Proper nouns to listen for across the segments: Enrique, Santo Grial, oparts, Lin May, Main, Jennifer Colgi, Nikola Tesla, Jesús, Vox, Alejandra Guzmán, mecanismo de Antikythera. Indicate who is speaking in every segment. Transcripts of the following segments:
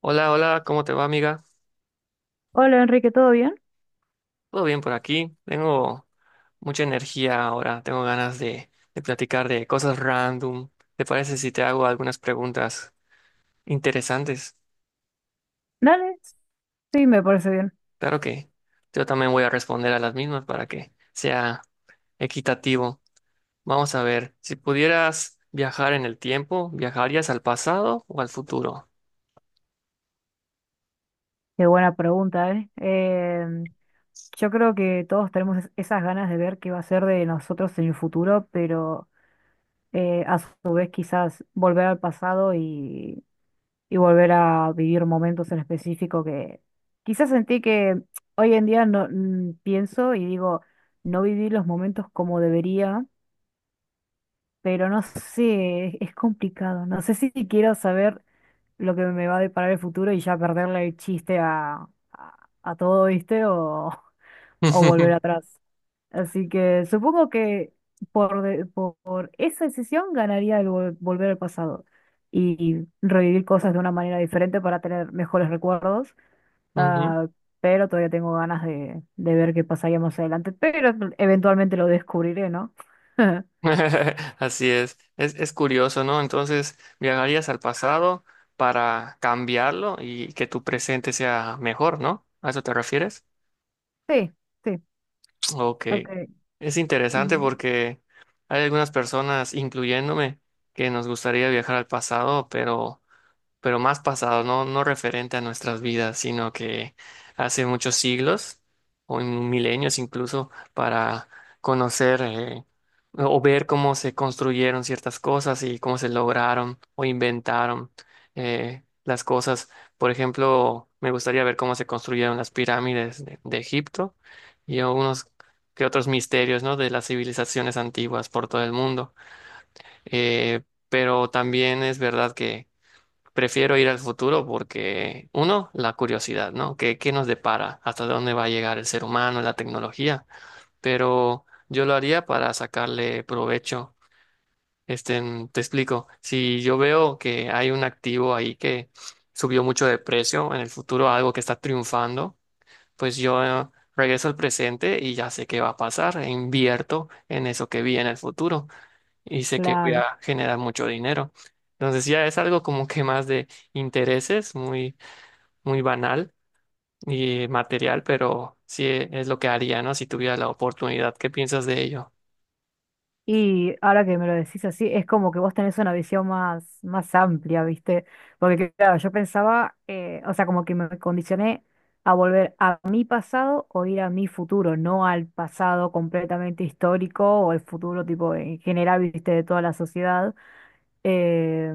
Speaker 1: Hola, hola, ¿cómo te va, amiga?
Speaker 2: Hola Enrique, ¿todo bien?
Speaker 1: ¿Todo bien por aquí? Tengo mucha energía ahora, tengo ganas de platicar de cosas random. ¿Te parece si te hago algunas preguntas interesantes?
Speaker 2: Dale, sí, me parece bien.
Speaker 1: Claro que yo también voy a responder a las mismas para que sea equitativo. Vamos a ver, si pudieras viajar en el tiempo, ¿viajarías al pasado o al futuro?
Speaker 2: Qué buena pregunta, ¿eh? Yo creo que todos tenemos esas ganas de ver qué va a ser de nosotros en el futuro, pero a su vez quizás volver al pasado y volver a vivir momentos en específico que quizás sentí que hoy en día no pienso y digo, no viví los momentos como debería, pero no sé, es complicado. No sé si quiero saber lo que me va a deparar el futuro y ya perderle el chiste a todo, ¿viste? O, o volver atrás. Así que supongo que por esa decisión ganaría el volver al pasado y revivir cosas de una manera diferente para tener mejores recuerdos.
Speaker 1: Ujú.
Speaker 2: ah, pero todavía tengo ganas de ver qué pasaría más adelante. Pero eventualmente lo descubriré, ¿no?
Speaker 1: Así es. Es curioso, ¿no? Entonces, viajarías al pasado para cambiarlo y que tu presente sea mejor, ¿no? ¿A eso te refieres?
Speaker 2: Sí, sí.
Speaker 1: Ok.
Speaker 2: Ok.
Speaker 1: Es interesante
Speaker 2: Y
Speaker 1: porque hay algunas personas, incluyéndome, que nos gustaría viajar al pasado, pero más pasado, no, no referente a nuestras vidas, sino que hace muchos siglos o en milenios incluso para conocer o ver cómo se construyeron ciertas cosas y cómo se lograron o inventaron las cosas. Por ejemplo, me gustaría ver cómo se construyeron las pirámides de Egipto y algunos que otros misterios, ¿no?, de las civilizaciones antiguas por todo el mundo. Eh, pero también es verdad, prefiero ir al futuro porque, uno, la curiosidad, ¿no? ¿Qué, qué nos depara? ¿Hasta dónde va a llegar el ser humano, la tecnología? Pero yo lo haría para sacarle provecho. Este, te explico. Si yo veo que hay un activo ahí que subió mucho de precio en el futuro, algo que está triunfando, pues yo regreso al presente y ya sé qué va a pasar, e invierto en eso que vi en el futuro y sé que voy
Speaker 2: claro.
Speaker 1: a generar mucho dinero. Entonces ya es algo como que más de intereses, muy, muy banal y material, pero sí es lo que haría, ¿no? Si tuviera la oportunidad. ¿Qué piensas de ello?
Speaker 2: Y ahora que me lo decís así, es como que vos tenés una visión más, más amplia, ¿viste? Porque claro, yo pensaba, o sea, como que me condicioné a volver a mi pasado o ir a mi futuro, no al pasado completamente histórico o el futuro tipo en general, ¿viste? De toda la sociedad. Eh,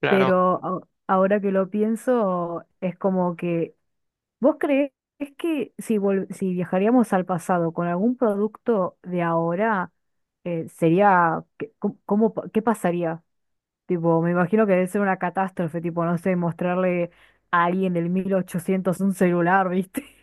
Speaker 1: Claro.
Speaker 2: pero ahora que lo pienso, es como que ¿vos creés que si viajaríamos al pasado con algún producto de ahora, sería, cómo qué pasaría? Tipo, me imagino que debe ser una catástrofe, tipo, no sé, mostrarle a alguien del 1800 un celular, ¿viste?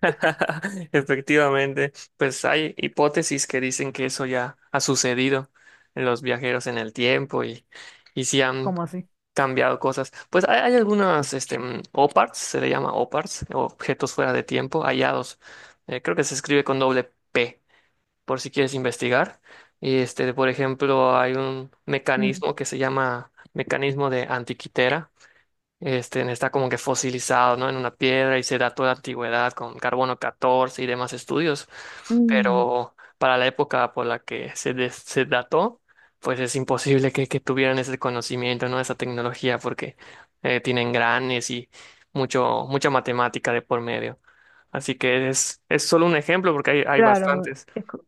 Speaker 1: Efectivamente, pues hay hipótesis que dicen que eso ya ha sucedido en los viajeros en el tiempo y si han
Speaker 2: Como así?
Speaker 1: cambiado cosas. Pues hay algunas, este, oparts, se le llama oparts, objetos fuera de tiempo, hallados. Creo que se escribe con doble P, por si quieres investigar. Y este, por ejemplo, hay un
Speaker 2: Mm.
Speaker 1: mecanismo que se llama mecanismo de antiquitera, este, está como que fosilizado, ¿no? En una piedra y se da toda la antigüedad con carbono 14 y demás estudios,
Speaker 2: Mm.
Speaker 1: pero para la época por la que se, se dató, pues es imposible que tuvieran ese conocimiento, ¿no? Esa tecnología porque tienen granes y mucha matemática de por medio. Así que es solo un ejemplo porque hay
Speaker 2: Claro,
Speaker 1: bastantes.
Speaker 2: es, co-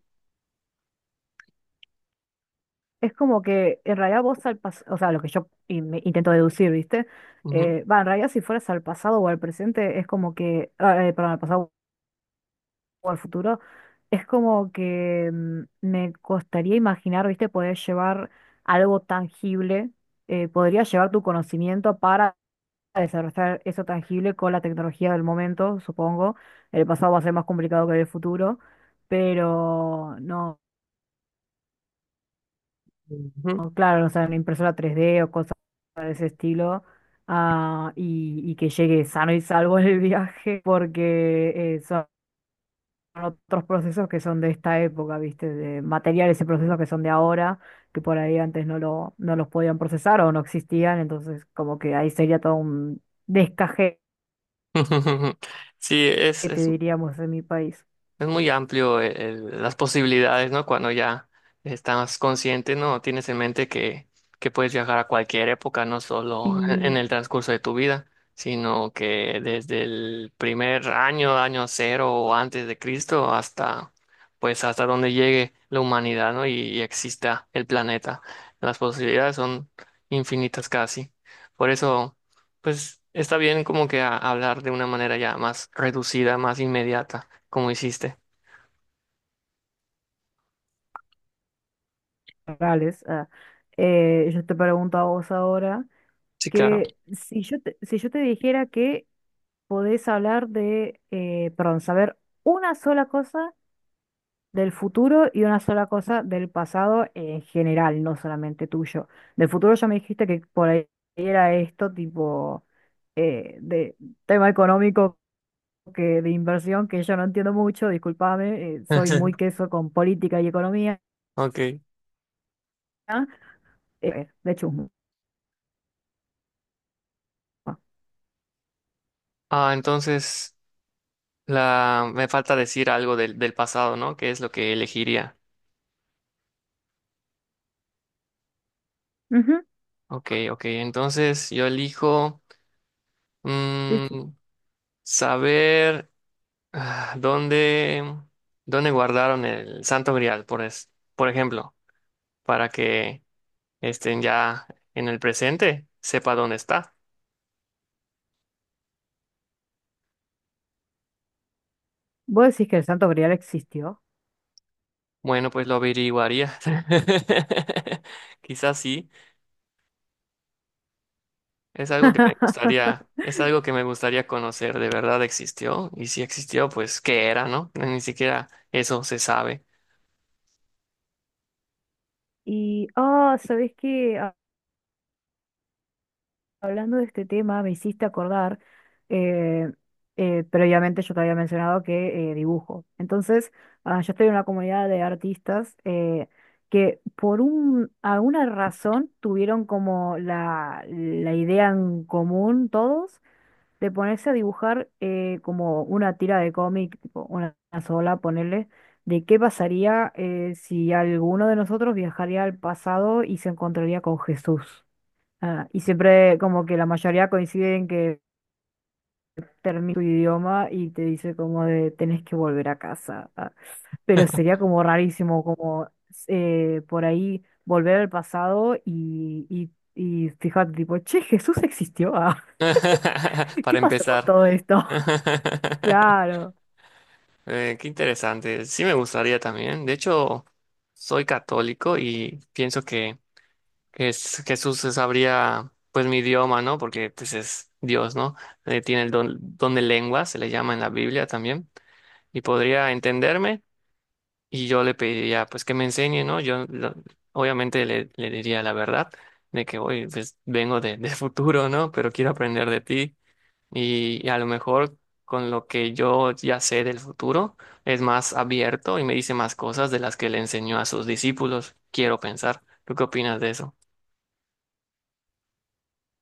Speaker 2: es como que en realidad vos al pasado, o sea, lo que yo me intento deducir, ¿viste?
Speaker 1: Ujú,
Speaker 2: Va, en realidad si fueras al pasado o al presente, es como que, perdón, al pasado o al futuro, es como que me costaría imaginar, viste, poder llevar algo tangible, podría llevar tu conocimiento para desarrollar eso tangible con la tecnología del momento, supongo. El pasado va a ser más complicado que el futuro, pero no,
Speaker 1: ujú.
Speaker 2: no, claro, o sea, una impresora tres d o cosas de ese estilo. Y, y que llegue sano y salvo el viaje, porque eso otros procesos que son de esta época, ¿viste? De materiales y procesos que son de ahora, que por ahí antes no los podían procesar o no existían, entonces como que ahí sería todo un descajete,
Speaker 1: Sí, es.
Speaker 2: diríamos, en mi país.
Speaker 1: Es muy amplio las posibilidades, ¿no? Cuando ya estás consciente, ¿no? Tienes en mente que puedes viajar a cualquier época, no solo
Speaker 2: Y
Speaker 1: en el transcurso de tu vida, sino que desde el primer año, año cero o antes de Cristo, hasta, pues, hasta donde llegue la humanidad, ¿no? Y exista el planeta. Las posibilidades son infinitas casi. Por eso, pues, está bien como que hablar de una manera ya más reducida, más inmediata, como hiciste.
Speaker 2: Morales, yo te pregunto a vos ahora
Speaker 1: Sí, claro.
Speaker 2: que si yo te dijera que podés hablar de, perdón, saber una sola cosa del futuro y una sola cosa del pasado en general, no solamente tuyo. Del futuro ya me dijiste que por ahí era esto, tipo de tema económico que de inversión, que yo no entiendo mucho, discúlpame, soy muy queso con política y economía,
Speaker 1: Ok.
Speaker 2: de chusma.
Speaker 1: Ah, entonces la me falta decir algo del pasado, ¿no? ¿Qué es lo que elegiría?
Speaker 2: Ujú,
Speaker 1: Ok, ok. Entonces yo elijo
Speaker 2: sí, sí.
Speaker 1: mm, saber ah, dónde, dónde guardaron el Santo Grial, por ejemplo, para que estén ya en el presente, sepa dónde está.
Speaker 2: ¿Vos decís que el Santo Grial existió?
Speaker 1: Bueno, pues lo averiguaría. Quizás sí. Es algo que me gustaría, es algo que me gustaría conocer. ¿De verdad existió? Y si existió, pues, ¿qué era, no? Ni siquiera eso se sabe.
Speaker 2: Y, oh, ¿sabés qué? Hablando de este tema, me hiciste acordar, eh, previamente yo te había mencionado que dibujo. Entonces, yo estoy en una comunidad de artistas que alguna razón tuvieron como la idea en común todos de ponerse a dibujar como una tira de cómic, tipo una sola, ponerle, de qué pasaría si alguno de nosotros viajaría al pasado y se encontraría con Jesús. Y siempre como que la mayoría coinciden que termina tu idioma y te dice como de tenés que volver a casa. Pero sería como rarísimo como por ahí volver al pasado y fíjate tipo, che, Jesús existió. Ah, ¿qué
Speaker 1: Para
Speaker 2: pasó con
Speaker 1: empezar.
Speaker 2: todo esto? Claro.
Speaker 1: Qué interesante. Sí me gustaría también. De hecho, soy católico y pienso que Jesús sabría pues mi idioma, ¿no? Porque pues es Dios, ¿no? Tiene el don, don de lengua, se le llama en la Biblia también. Y podría entenderme. Y yo le pediría, pues, que me enseñe, ¿no? Obviamente le diría la verdad de que, oye, pues, vengo de futuro, ¿no? Pero quiero aprender de ti. Y a lo mejor con lo que yo ya sé del futuro, es más abierto y me dice más cosas de las que le enseñó a sus discípulos. Quiero pensar. ¿Tú qué opinas de eso?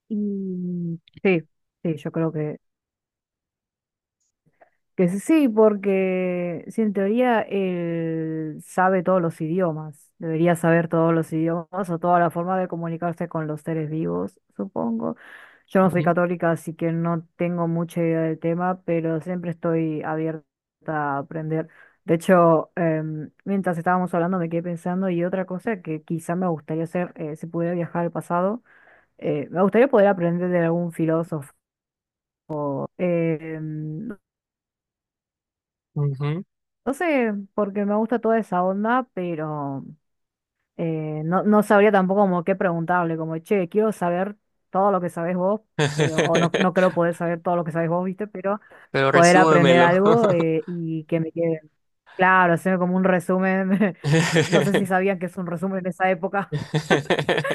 Speaker 2: Y sí, sí, yo creo que sí, sí, porque si en teoría él sabe todos los idiomas, debería saber todos los idiomas o toda la forma de comunicarse con los seres vivos, supongo. Yo no soy
Speaker 1: Ujú,
Speaker 2: católica, así que no tengo mucha idea del tema, pero siempre estoy abierta a aprender. De hecho, mientras estábamos hablando me quedé pensando y otra cosa que quizá me gustaría hacer, si pudiera viajar al pasado, me gustaría poder aprender de algún filósofo. Em,
Speaker 1: ujú.
Speaker 2: No sé, porque me gusta toda esa onda, pero no, no sabría tampoco como qué preguntarle, como, che, quiero saber todo lo que sabés vos, pero, o no, no creo poder saber todo lo que sabés vos, ¿viste? Pero
Speaker 1: Pero
Speaker 2: poder aprender
Speaker 1: resúmemelo.
Speaker 2: algo y que me quede claro, hacerme como un resumen. No sé si sabían que es un resumen en esa época,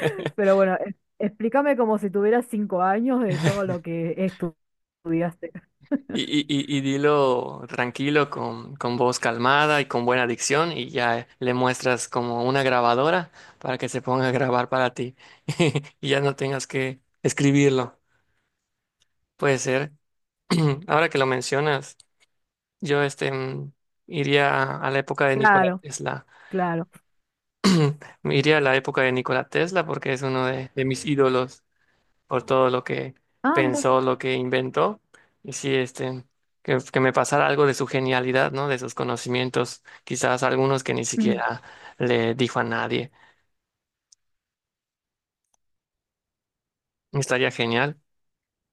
Speaker 2: pero bueno, explícame como si tuvieras 5 años de todo lo que estudiaste.
Speaker 1: Y, y, y dilo tranquilo, con voz calmada y con buena dicción, y ya le muestras como una grabadora para que se ponga a grabar para ti y ya no tengas que escribirlo. Puede ser. Ahora que lo mencionas, yo este, iría a la época de Nikola
Speaker 2: Claro,
Speaker 1: Tesla.
Speaker 2: claro.
Speaker 1: Me iría a la época de Nikola Tesla porque es uno de mis ídolos, por todo lo que
Speaker 2: Ah, mira,
Speaker 1: pensó, lo que inventó. Y sí, este, que me pasara algo de su genialidad, ¿no? De sus conocimientos, quizás algunos que ni
Speaker 2: mm,
Speaker 1: siquiera le dijo a nadie. Estaría genial.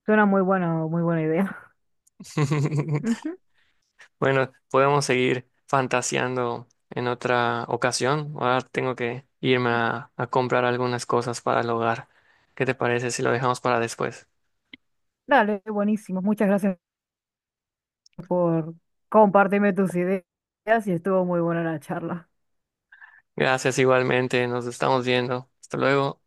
Speaker 2: suena muy bueno, muy buena idea.
Speaker 1: Bueno, podemos seguir fantaseando en otra ocasión. Ahora tengo que irme a comprar algunas cosas para el hogar. ¿Qué te parece si lo dejamos para después?
Speaker 2: Dale, buenísimo. Muchas gracias por compartirme tus ideas y estuvo muy buena la charla.
Speaker 1: Gracias igualmente, nos estamos viendo. Hasta luego.